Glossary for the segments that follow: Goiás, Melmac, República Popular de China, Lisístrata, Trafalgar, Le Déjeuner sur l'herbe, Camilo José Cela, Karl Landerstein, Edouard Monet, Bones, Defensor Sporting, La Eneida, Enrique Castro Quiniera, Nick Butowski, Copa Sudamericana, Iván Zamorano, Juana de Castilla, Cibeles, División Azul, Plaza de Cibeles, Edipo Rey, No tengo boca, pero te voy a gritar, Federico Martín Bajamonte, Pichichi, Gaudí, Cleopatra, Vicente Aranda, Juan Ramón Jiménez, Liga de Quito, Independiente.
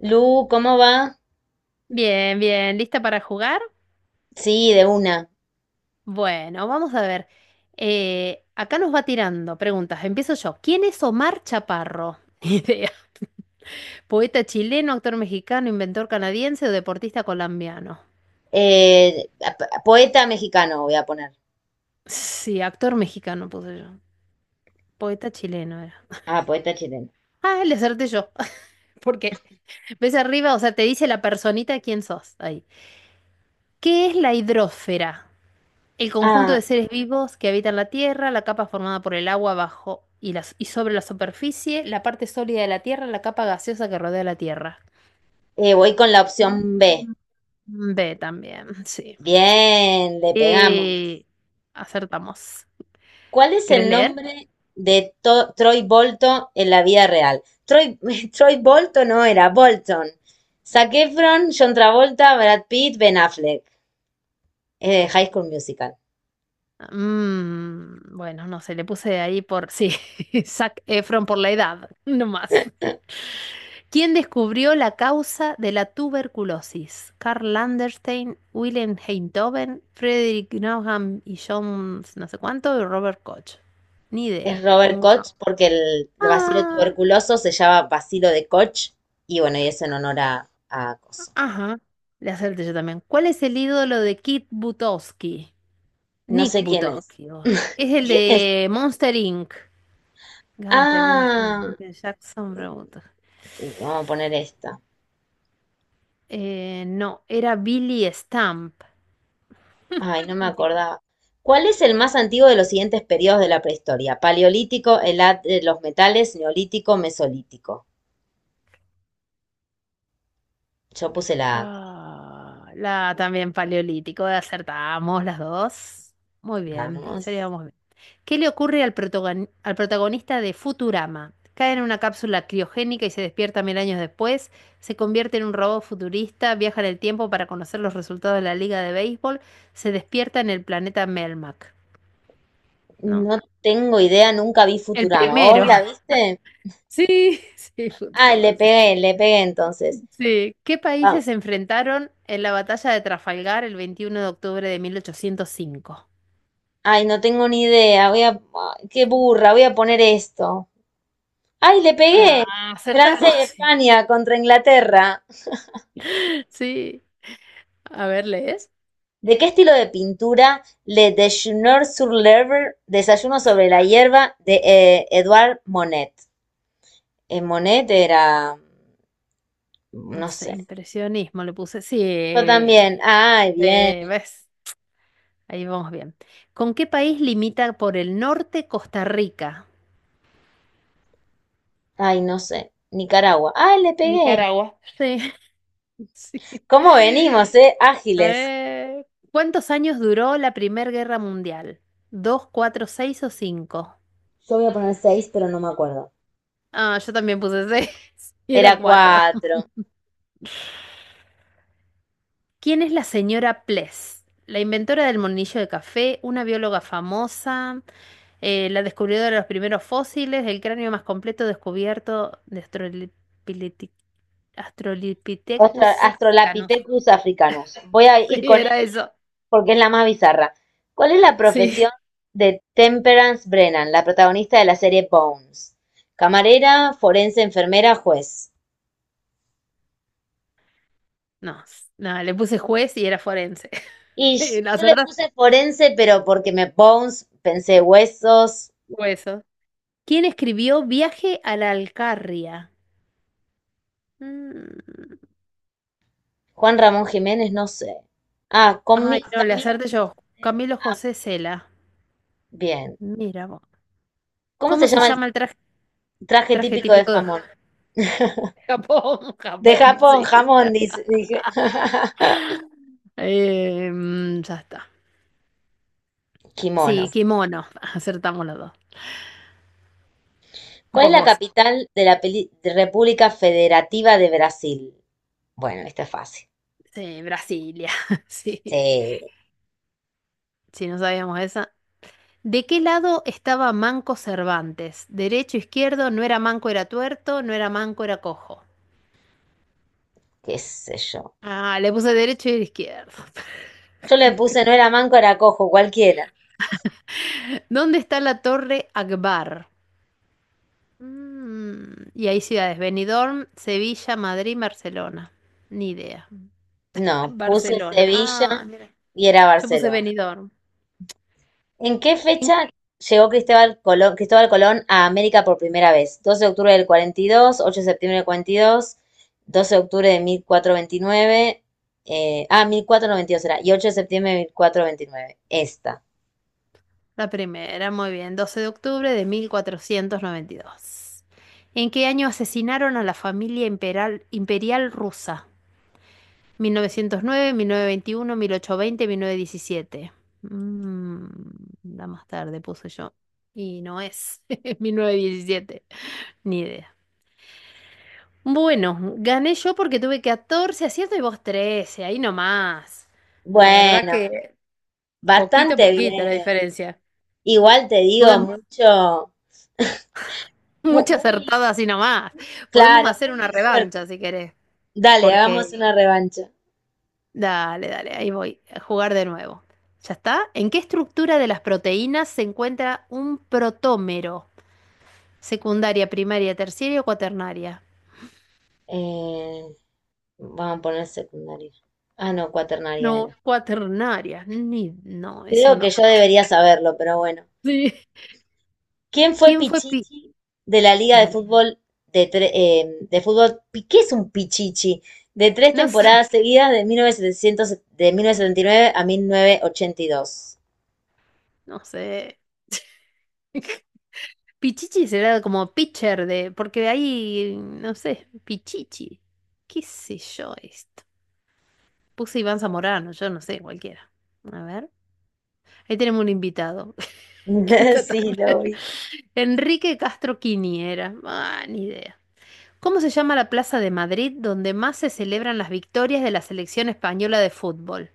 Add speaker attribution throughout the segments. Speaker 1: Lu, ¿cómo va?
Speaker 2: Bien, bien, ¿lista para jugar?
Speaker 1: Sí, de una.
Speaker 2: Bueno, vamos a ver. Acá nos va tirando preguntas. Empiezo yo. ¿Quién es Omar Chaparro? Ni idea. ¿Poeta chileno, actor mexicano, inventor canadiense o deportista colombiano?
Speaker 1: A- p- poeta mexicano voy a poner.
Speaker 2: Sí, actor mexicano puse yo. Poeta chileno era.
Speaker 1: Ah, poeta chileno.
Speaker 2: Ah, le acerté yo. Porque ves arriba, o sea, te dice la personita quién sos ahí. ¿Qué es la hidrosfera? El conjunto de
Speaker 1: Ah,
Speaker 2: seres vivos que habitan la Tierra, la capa formada por el agua bajo y, y sobre la superficie, la parte sólida de la Tierra, la capa gaseosa que rodea la Tierra.
Speaker 1: Voy con la
Speaker 2: Mm,
Speaker 1: opción B.
Speaker 2: B también, sí.
Speaker 1: Bien, le pegamos.
Speaker 2: Eh, acertamos.
Speaker 1: ¿Cuál es
Speaker 2: ¿Querés
Speaker 1: el
Speaker 2: leer?
Speaker 1: nombre de Troy Bolton en la vida real? Troy, Troy Bolton no era, Bolton. Zac Efron, John Travolta, Brad Pitt, Ben Affleck. High School Musical.
Speaker 2: Bueno, no sé, le puse ahí por... Sí, Zac Efron por la edad, no más. ¿Quién descubrió la causa de la tuberculosis? Karl Landerstein, Wilhelm Einthoven, Frederick Nauheim y John no sé cuánto y Robert Koch. Ni
Speaker 1: Es
Speaker 2: idea.
Speaker 1: Robert
Speaker 2: Pongo uno.
Speaker 1: Koch porque el bacilo
Speaker 2: Ah,
Speaker 1: tuberculoso se llama bacilo de Koch y bueno, y es en honor a Coso.
Speaker 2: ajá. Le acerté yo también. ¿Cuál es el ídolo de Kit Butowski?
Speaker 1: No
Speaker 2: Nick
Speaker 1: sé quién es.
Speaker 2: Butowski. Es el
Speaker 1: ¿Quién es?
Speaker 2: de Monster Inc. Gunter, Bill Stamp,
Speaker 1: Ah,
Speaker 2: Michael Jackson, Robert.
Speaker 1: y vamos a poner esta.
Speaker 2: No, era Billy Stamp.
Speaker 1: Ay, no me acordaba. ¿Cuál es el más antiguo de los siguientes periodos de la prehistoria? Paleolítico, el edad de los metales, neolítico, mesolítico. Yo puse la A.
Speaker 2: Ah, la también paleolítico, acertamos las dos. Muy bien,
Speaker 1: Vamos.
Speaker 2: historia vamos bien. ¿Qué le ocurre al al protagonista de Futurama? Cae en una cápsula criogénica y se despierta 1000 años después, se convierte en un robot futurista, viaja en el tiempo para conocer los resultados de la liga de béisbol, se despierta en el planeta Melmac. No,
Speaker 1: No tengo idea, nunca vi
Speaker 2: el
Speaker 1: Futurama. ¿Vos
Speaker 2: primero.
Speaker 1: la viste?
Speaker 2: Sí, sí,
Speaker 1: Ah,
Speaker 2: Futurama, sí.
Speaker 1: le pegué entonces.
Speaker 2: Sí. ¿Qué
Speaker 1: Ah,
Speaker 2: países se enfrentaron en la batalla de Trafalgar el 21 de octubre de 1805?
Speaker 1: Ay, no tengo ni idea. Voy a, ay, qué burra, voy a poner esto. Ay, le pegué.
Speaker 2: Ah,
Speaker 1: Francia y
Speaker 2: acertamos.
Speaker 1: España contra Inglaterra.
Speaker 2: Sí. Sí. A ver, ¿lees?
Speaker 1: ¿De qué estilo de pintura? Le Déjeuner sur l'herbe, Desayuno sobre la hierba, de Edouard Monet. Monet era,
Speaker 2: No
Speaker 1: no
Speaker 2: sé,
Speaker 1: sé.
Speaker 2: impresionismo le puse. Sí.
Speaker 1: Yo también. Ay,
Speaker 2: Sí,
Speaker 1: bien.
Speaker 2: ¿ves? Ahí vamos bien. ¿Con qué país limita por el norte Costa Rica?
Speaker 1: Ay, no sé. Nicaragua. Ay, le pegué.
Speaker 2: Nicaragua. Sí, sí.
Speaker 1: ¿Cómo venimos, eh? Ágiles.
Speaker 2: A ¿Cuántos años duró la Primera Guerra Mundial? ¿Dos, cuatro, seis o cinco?
Speaker 1: Yo voy a poner seis, pero no me acuerdo.
Speaker 2: Ah, yo también puse seis. Y era
Speaker 1: Era
Speaker 2: cuatro.
Speaker 1: cuatro.
Speaker 2: ¿Quién es la señora Pless? La inventora del monillo de café, una bióloga famosa, la descubridora de los primeros fósiles, el cráneo más completo descubierto de Australopithecus africanus.
Speaker 1: Australopithecus africanus. Voy a
Speaker 2: Sí,
Speaker 1: ir con eso
Speaker 2: era eso.
Speaker 1: porque es la más bizarra. ¿Cuál es la
Speaker 2: Sí.
Speaker 1: profesión de Temperance Brennan, la protagonista de la serie Bones? Camarera, forense, enfermera, juez.
Speaker 2: No, no, le puse juez y era forense.
Speaker 1: Y
Speaker 2: Y no
Speaker 1: yo le
Speaker 2: acertaste
Speaker 1: puse forense, pero porque me Bones, pensé huesos.
Speaker 2: hueso. ¿Quién escribió Viaje a la Alcarria? Mm.
Speaker 1: Juan Ramón Jiménez, no sé. Ah, con mi,
Speaker 2: Ay, no, le
Speaker 1: Camino.
Speaker 2: hacerte yo. Camilo
Speaker 1: Ah,
Speaker 2: José Cela.
Speaker 1: bien.
Speaker 2: Mira vos.
Speaker 1: ¿Cómo se
Speaker 2: ¿Cómo se
Speaker 1: llama el
Speaker 2: llama el traje,
Speaker 1: traje
Speaker 2: traje
Speaker 1: típico de
Speaker 2: típico de
Speaker 1: jamón?
Speaker 2: Japón?
Speaker 1: De
Speaker 2: Japón,
Speaker 1: Japón,
Speaker 2: sí.
Speaker 1: jamón, dice, dije.
Speaker 2: Ya está.
Speaker 1: Kimono.
Speaker 2: Sí, kimono. Acertamos los dos.
Speaker 1: ¿Cuál
Speaker 2: Vos,
Speaker 1: es la
Speaker 2: vos.
Speaker 1: capital de la de República Federativa de Brasil? Bueno, esta es fácil.
Speaker 2: Sí, Brasilia.
Speaker 1: Sí,
Speaker 2: Sí. Si no sabíamos esa. ¿De qué lado estaba Manco Cervantes? ¿Derecho, izquierdo? No era manco, era tuerto. No era manco, era cojo.
Speaker 1: qué sé yo.
Speaker 2: Ah, le puse derecho y izquierdo.
Speaker 1: Yo le puse, no era manco, era cojo, cualquiera.
Speaker 2: ¿Dónde está la Torre Akbar? Y hay ciudades, Benidorm, Sevilla, Madrid, Barcelona. Ni idea.
Speaker 1: No, puse
Speaker 2: Barcelona. Ah,
Speaker 1: Sevilla
Speaker 2: mira.
Speaker 1: y era
Speaker 2: Yo puse
Speaker 1: Barcelona.
Speaker 2: Benidorm.
Speaker 1: ¿En qué
Speaker 2: En-
Speaker 1: fecha llegó Cristóbal Colón, Cristóbal Colón a América por primera vez? Doce de octubre del 42, ocho de septiembre del 42, 12 de octubre de 1429, eh, ah, 1492 era, y 8 de septiembre de 1429. Esta.
Speaker 2: La primera, muy bien. 12 de octubre de 1492. ¿En qué año asesinaron a la familia imperial rusa? 1909, 1921, 1820, 1917. Mm, la más tarde puse yo. Y no es. 1917. Ni idea. Bueno, gané yo porque tuve 14 aciertos y vos 13, ahí nomás. La verdad
Speaker 1: Bueno,
Speaker 2: que poquito a
Speaker 1: bastante
Speaker 2: poquito
Speaker 1: bien.
Speaker 2: la diferencia.
Speaker 1: Igual te digo
Speaker 2: Podemos,
Speaker 1: mucho,
Speaker 2: mucha
Speaker 1: muy,
Speaker 2: acertada así nomás. Podemos
Speaker 1: claro,
Speaker 2: hacer una
Speaker 1: muy
Speaker 2: revancha
Speaker 1: suerte.
Speaker 2: si querés,
Speaker 1: Dale, hagamos
Speaker 2: porque
Speaker 1: una revancha.
Speaker 2: dale, dale, ahí voy a jugar de nuevo. ¿Ya está? ¿En qué estructura de las proteínas se encuentra un protómero? ¿Secundaria, primaria, terciaria o cuaternaria?
Speaker 1: Eh, Vamos a poner secundaria. Ah, no, cuaternaria
Speaker 2: No,
Speaker 1: era.
Speaker 2: cuaternaria. Ni, no, eso
Speaker 1: Creo que
Speaker 2: no.
Speaker 1: yo debería saberlo, pero bueno.
Speaker 2: Sí.
Speaker 1: ¿Quién fue
Speaker 2: ¿Quién fue Pi?
Speaker 1: Pichichi de la Liga de
Speaker 2: Dale.
Speaker 1: Fútbol de, de fútbol? ¿Qué es un Pichichi? De tres
Speaker 2: No sé.
Speaker 1: temporadas seguidas de 1900 de 1979 a 1982.
Speaker 2: No sé. Pichichi será como pitcher de, porque de ahí, no sé, Pichichi. ¿Qué sé yo esto? Puse Iván Zamorano, yo no sé, cualquiera. A ver. Ahí tenemos un invitado. Que está
Speaker 1: Sí,
Speaker 2: también.
Speaker 1: lo vi.
Speaker 2: Enrique Castro Quiniera. Ah, ni idea. ¿Cómo se llama la plaza de Madrid donde más se celebran las victorias de la selección española de fútbol?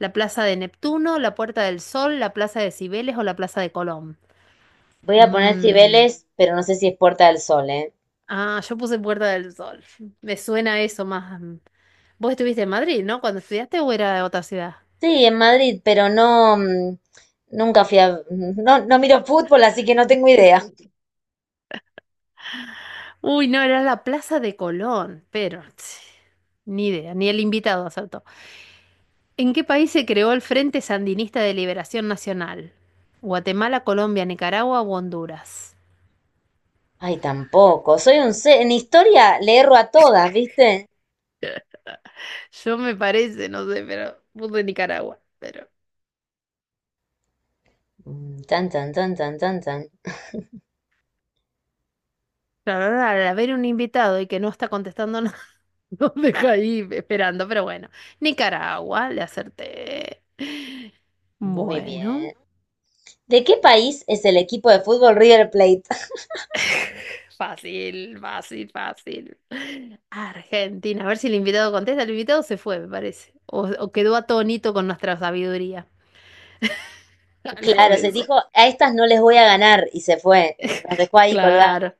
Speaker 2: ¿La plaza de Neptuno, la Puerta del Sol, la plaza de Cibeles o la plaza de Colón?
Speaker 1: Voy a poner
Speaker 2: Mm.
Speaker 1: Cibeles, pero no sé si es Puerta del Sol, ¿eh?
Speaker 2: Ah, yo puse Puerta del Sol. Me suena eso más. Mm. Vos estuviste en Madrid, ¿no? Cuando estudiaste o era de otra ciudad.
Speaker 1: Sí, en Madrid, pero no, nunca fui a, no, no miro fútbol, así que no tengo idea.
Speaker 2: Uy, no, era la Plaza de Colón, pero tss, ni idea, ni el invitado acertó. ¿En qué país se creó el Frente Sandinista de Liberación Nacional? Guatemala, Colombia, Nicaragua o Honduras.
Speaker 1: Ay, tampoco. Soy un en historia le erro a todas, ¿viste?
Speaker 2: Yo me parece, no sé, pero puse Nicaragua, pero
Speaker 1: Mm, tan, tan, tan, tan, tan, tan.
Speaker 2: la verdad, al haber un invitado y que no está contestando. Nos
Speaker 1: La-
Speaker 2: deja ahí esperando, pero bueno. Nicaragua, le acerté.
Speaker 1: Muy
Speaker 2: Bueno,
Speaker 1: bien. ¿De qué país es el equipo de fútbol River Plate?
Speaker 2: fácil, fácil, fácil. Argentina, a ver si el invitado contesta. El invitado se fue, me parece. O quedó atónito con nuestra sabiduría. Algo
Speaker 1: Claro,
Speaker 2: de
Speaker 1: se
Speaker 2: eso.
Speaker 1: dijo, a estas no les voy a ganar y se fue. Y nos dejó ahí colgados.
Speaker 2: Claro.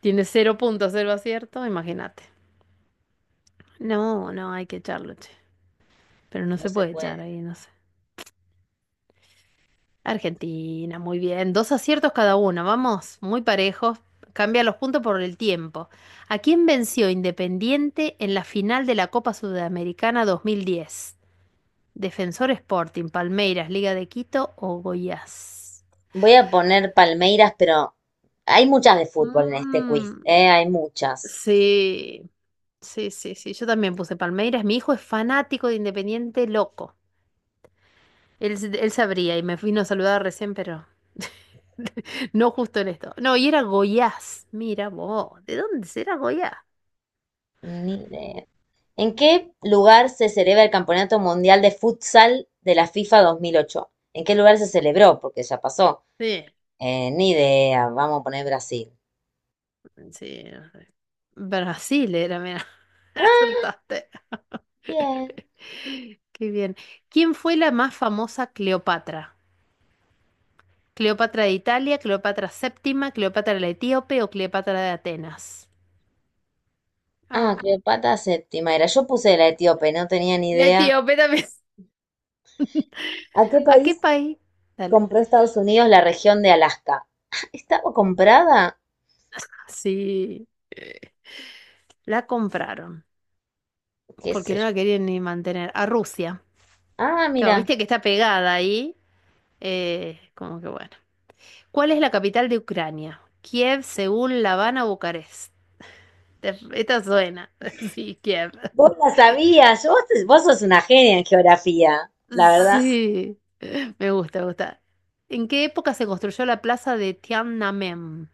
Speaker 2: Tiene 0,0 acierto, imagínate. No, no, hay que echarlo, che. Pero no
Speaker 1: No
Speaker 2: se
Speaker 1: se
Speaker 2: puede echar
Speaker 1: puede.
Speaker 2: ahí, no sé. Argentina, muy bien. Dos aciertos cada uno, vamos, muy parejos. Cambia los puntos por el tiempo. ¿A quién venció Independiente en la final de la Copa Sudamericana 2010? ¿Defensor Sporting, Palmeiras, Liga de Quito o Goiás?
Speaker 1: Voy a poner Palmeiras, pero hay muchas de fútbol en este quiz,
Speaker 2: Mm,
Speaker 1: ¿eh? Hay muchas.
Speaker 2: sí, sí, sí, sí. Yo también puse Palmeiras. Mi hijo es fanático de Independiente, loco. Él sabría y me vino a saludar recién, pero... No justo en esto. No, y era Goiás. Mira vos, ¿de dónde será Goiás?
Speaker 1: Ni idea. ¿En qué lugar se celebra el Campeonato Mundial de Futsal de la FIFA 2008? ¿En qué lugar se celebró? Porque ya pasó.
Speaker 2: Sí,
Speaker 1: Ni idea, vamos a poner Brasil.
Speaker 2: sí. Brasil era, mira.
Speaker 1: Ah,
Speaker 2: Acertaste.
Speaker 1: bien.
Speaker 2: Qué bien. ¿Quién fue la más famosa Cleopatra? ¿Cleopatra de Italia, Cleopatra séptima, Cleopatra la etíope o Cleopatra de Atenas?
Speaker 1: Ah,
Speaker 2: Ah,
Speaker 1: Cleopatra séptima era. Yo puse la etíope, no tenía ni
Speaker 2: la
Speaker 1: idea.
Speaker 2: etíope también.
Speaker 1: ¿A qué
Speaker 2: ¿A qué
Speaker 1: país
Speaker 2: país? Dale.
Speaker 1: compró Estados Unidos la región de Alaska? ¿Estaba comprada?
Speaker 2: Sí. La compraron,
Speaker 1: ¿Qué sé
Speaker 2: porque no
Speaker 1: yo?
Speaker 2: la querían ni mantener. A Rusia.
Speaker 1: Ah,
Speaker 2: Claro,
Speaker 1: mira,
Speaker 2: viste que está pegada ahí. Como que bueno. ¿Cuál es la capital de Ucrania? Kiev, Seúl, La Habana, Bucarest. Esta suena. Sí, Kiev.
Speaker 1: vos la sabías. Vos, vos sos una genia en geografía, la verdad.
Speaker 2: Sí, me gusta, me gusta. ¿En qué época se construyó la plaza de Tiananmen?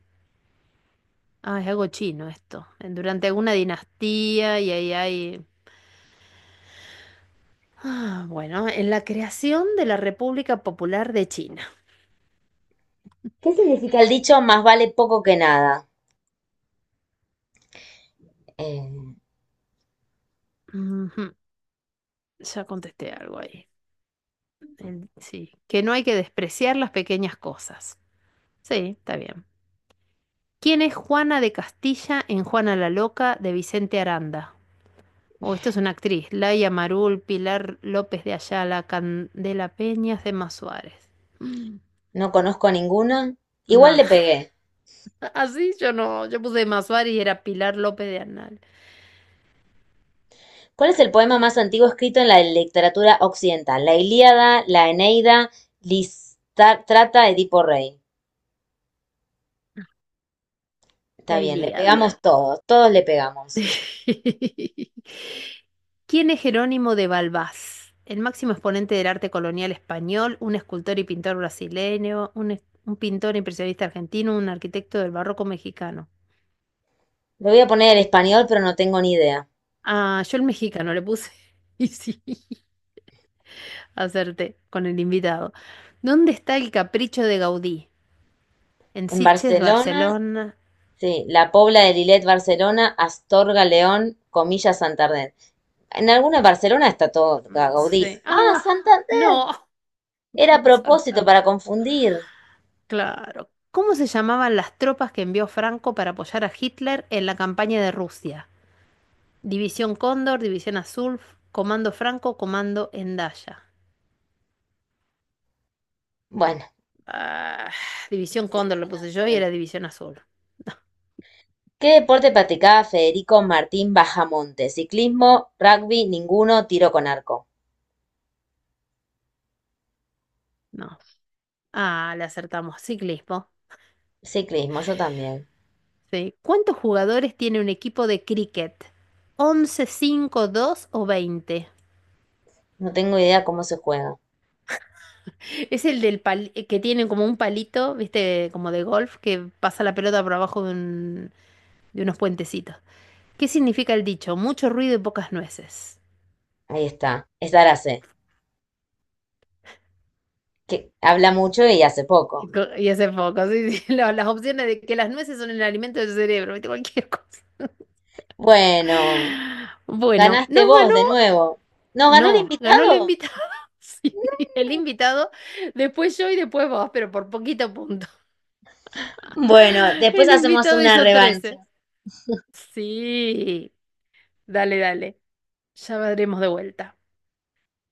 Speaker 2: Ah, es algo chino esto. Durante alguna dinastía y ahí hay... Ah, bueno, en la creación de la República Popular de China.
Speaker 1: ¿Qué significa el dicho más vale poco que nada? Eh,
Speaker 2: Ujú, ya contesté algo ahí. Sí, que no hay que despreciar las pequeñas cosas. Sí, está bien. ¿Quién es Juana de Castilla en Juana la Loca de Vicente Aranda? Oh, esto es una actriz. Laia Marul, Pilar López de Ayala, Candela Peñas, de Suárez. Mm,
Speaker 1: no conozco ninguna. Igual
Speaker 2: Nah,
Speaker 1: le pegué.
Speaker 2: así yo no. Yo puse Emma Suárez y era Pilar López de Anal.
Speaker 1: ¿Cuál es el poema más antiguo escrito en la literatura occidental? La Ilíada, la Eneida, Listrata, Edipo Rey. Está
Speaker 2: La
Speaker 1: bien, le
Speaker 2: Ilíada.
Speaker 1: pegamos todos, todos le pegamos.
Speaker 2: ¿Quién es Jerónimo de Balbás? El máximo exponente del arte colonial español, un escultor y pintor brasileño, un pintor impresionista argentino, un arquitecto del barroco mexicano.
Speaker 1: Le voy a poner el español, pero no tengo ni idea.
Speaker 2: Ah, yo el mexicano le puse. Y sí, acerté con el invitado. ¿Dónde está el capricho de Gaudí? En
Speaker 1: En
Speaker 2: Sitges,
Speaker 1: Barcelona,
Speaker 2: Barcelona.
Speaker 1: sí, La Pobla de Lillet, Barcelona, Astorga, León, comillas, Santander. En alguna Barcelona está todo
Speaker 2: Mm,
Speaker 1: Gaudí.
Speaker 2: sí.
Speaker 1: Ah,
Speaker 2: Ah,
Speaker 1: Santander.
Speaker 2: no.
Speaker 1: Era a propósito
Speaker 2: Santander.
Speaker 1: para confundir.
Speaker 2: Claro. ¿Cómo se llamaban las tropas que envió Franco para apoyar a Hitler en la campaña de Rusia? División Cóndor, División Azul, Comando Franco, Comando Endaya.
Speaker 1: Bueno,
Speaker 2: Ah, División Cóndor le
Speaker 1: televisión
Speaker 2: puse yo y
Speaker 1: azul.
Speaker 2: era División Azul.
Speaker 1: ¿Qué deporte practicaba Federico Martín Bajamonte? Ciclismo, rugby, ninguno, tiro con arco.
Speaker 2: No. Ah, le acertamos. Ciclismo.
Speaker 1: Ciclismo, yo también.
Speaker 2: Sí. ¿Cuántos jugadores tiene un equipo de cricket? ¿Once, 5, 2 o 20?
Speaker 1: No tengo idea cómo se juega.
Speaker 2: Es el del que tiene como un palito, ¿viste? Como de golf, que pasa la pelota por abajo de de unos puentecitos. ¿Qué significa el dicho? Mucho ruido y pocas nueces.
Speaker 1: Ahí está. Es sé que habla mucho y hace
Speaker 2: Y,
Speaker 1: poco.
Speaker 2: co- y hace poco, sí, sí, las opciones de que las nueces son el alimento del cerebro, ¿viste? Cualquier cosa.
Speaker 1: Bueno,
Speaker 2: Bueno,
Speaker 1: ganaste
Speaker 2: nos
Speaker 1: vos
Speaker 2: ganó,
Speaker 1: de nuevo. ¿Nos ganó el
Speaker 2: no, ganó el
Speaker 1: invitado?
Speaker 2: invitado. Sí, el invitado, después yo y después vos, pero por poquito punto.
Speaker 1: Bueno, después
Speaker 2: El
Speaker 1: hacemos
Speaker 2: invitado
Speaker 1: una
Speaker 2: hizo
Speaker 1: revancha.
Speaker 2: 13. Sí, dale, dale. Ya veremos de vuelta.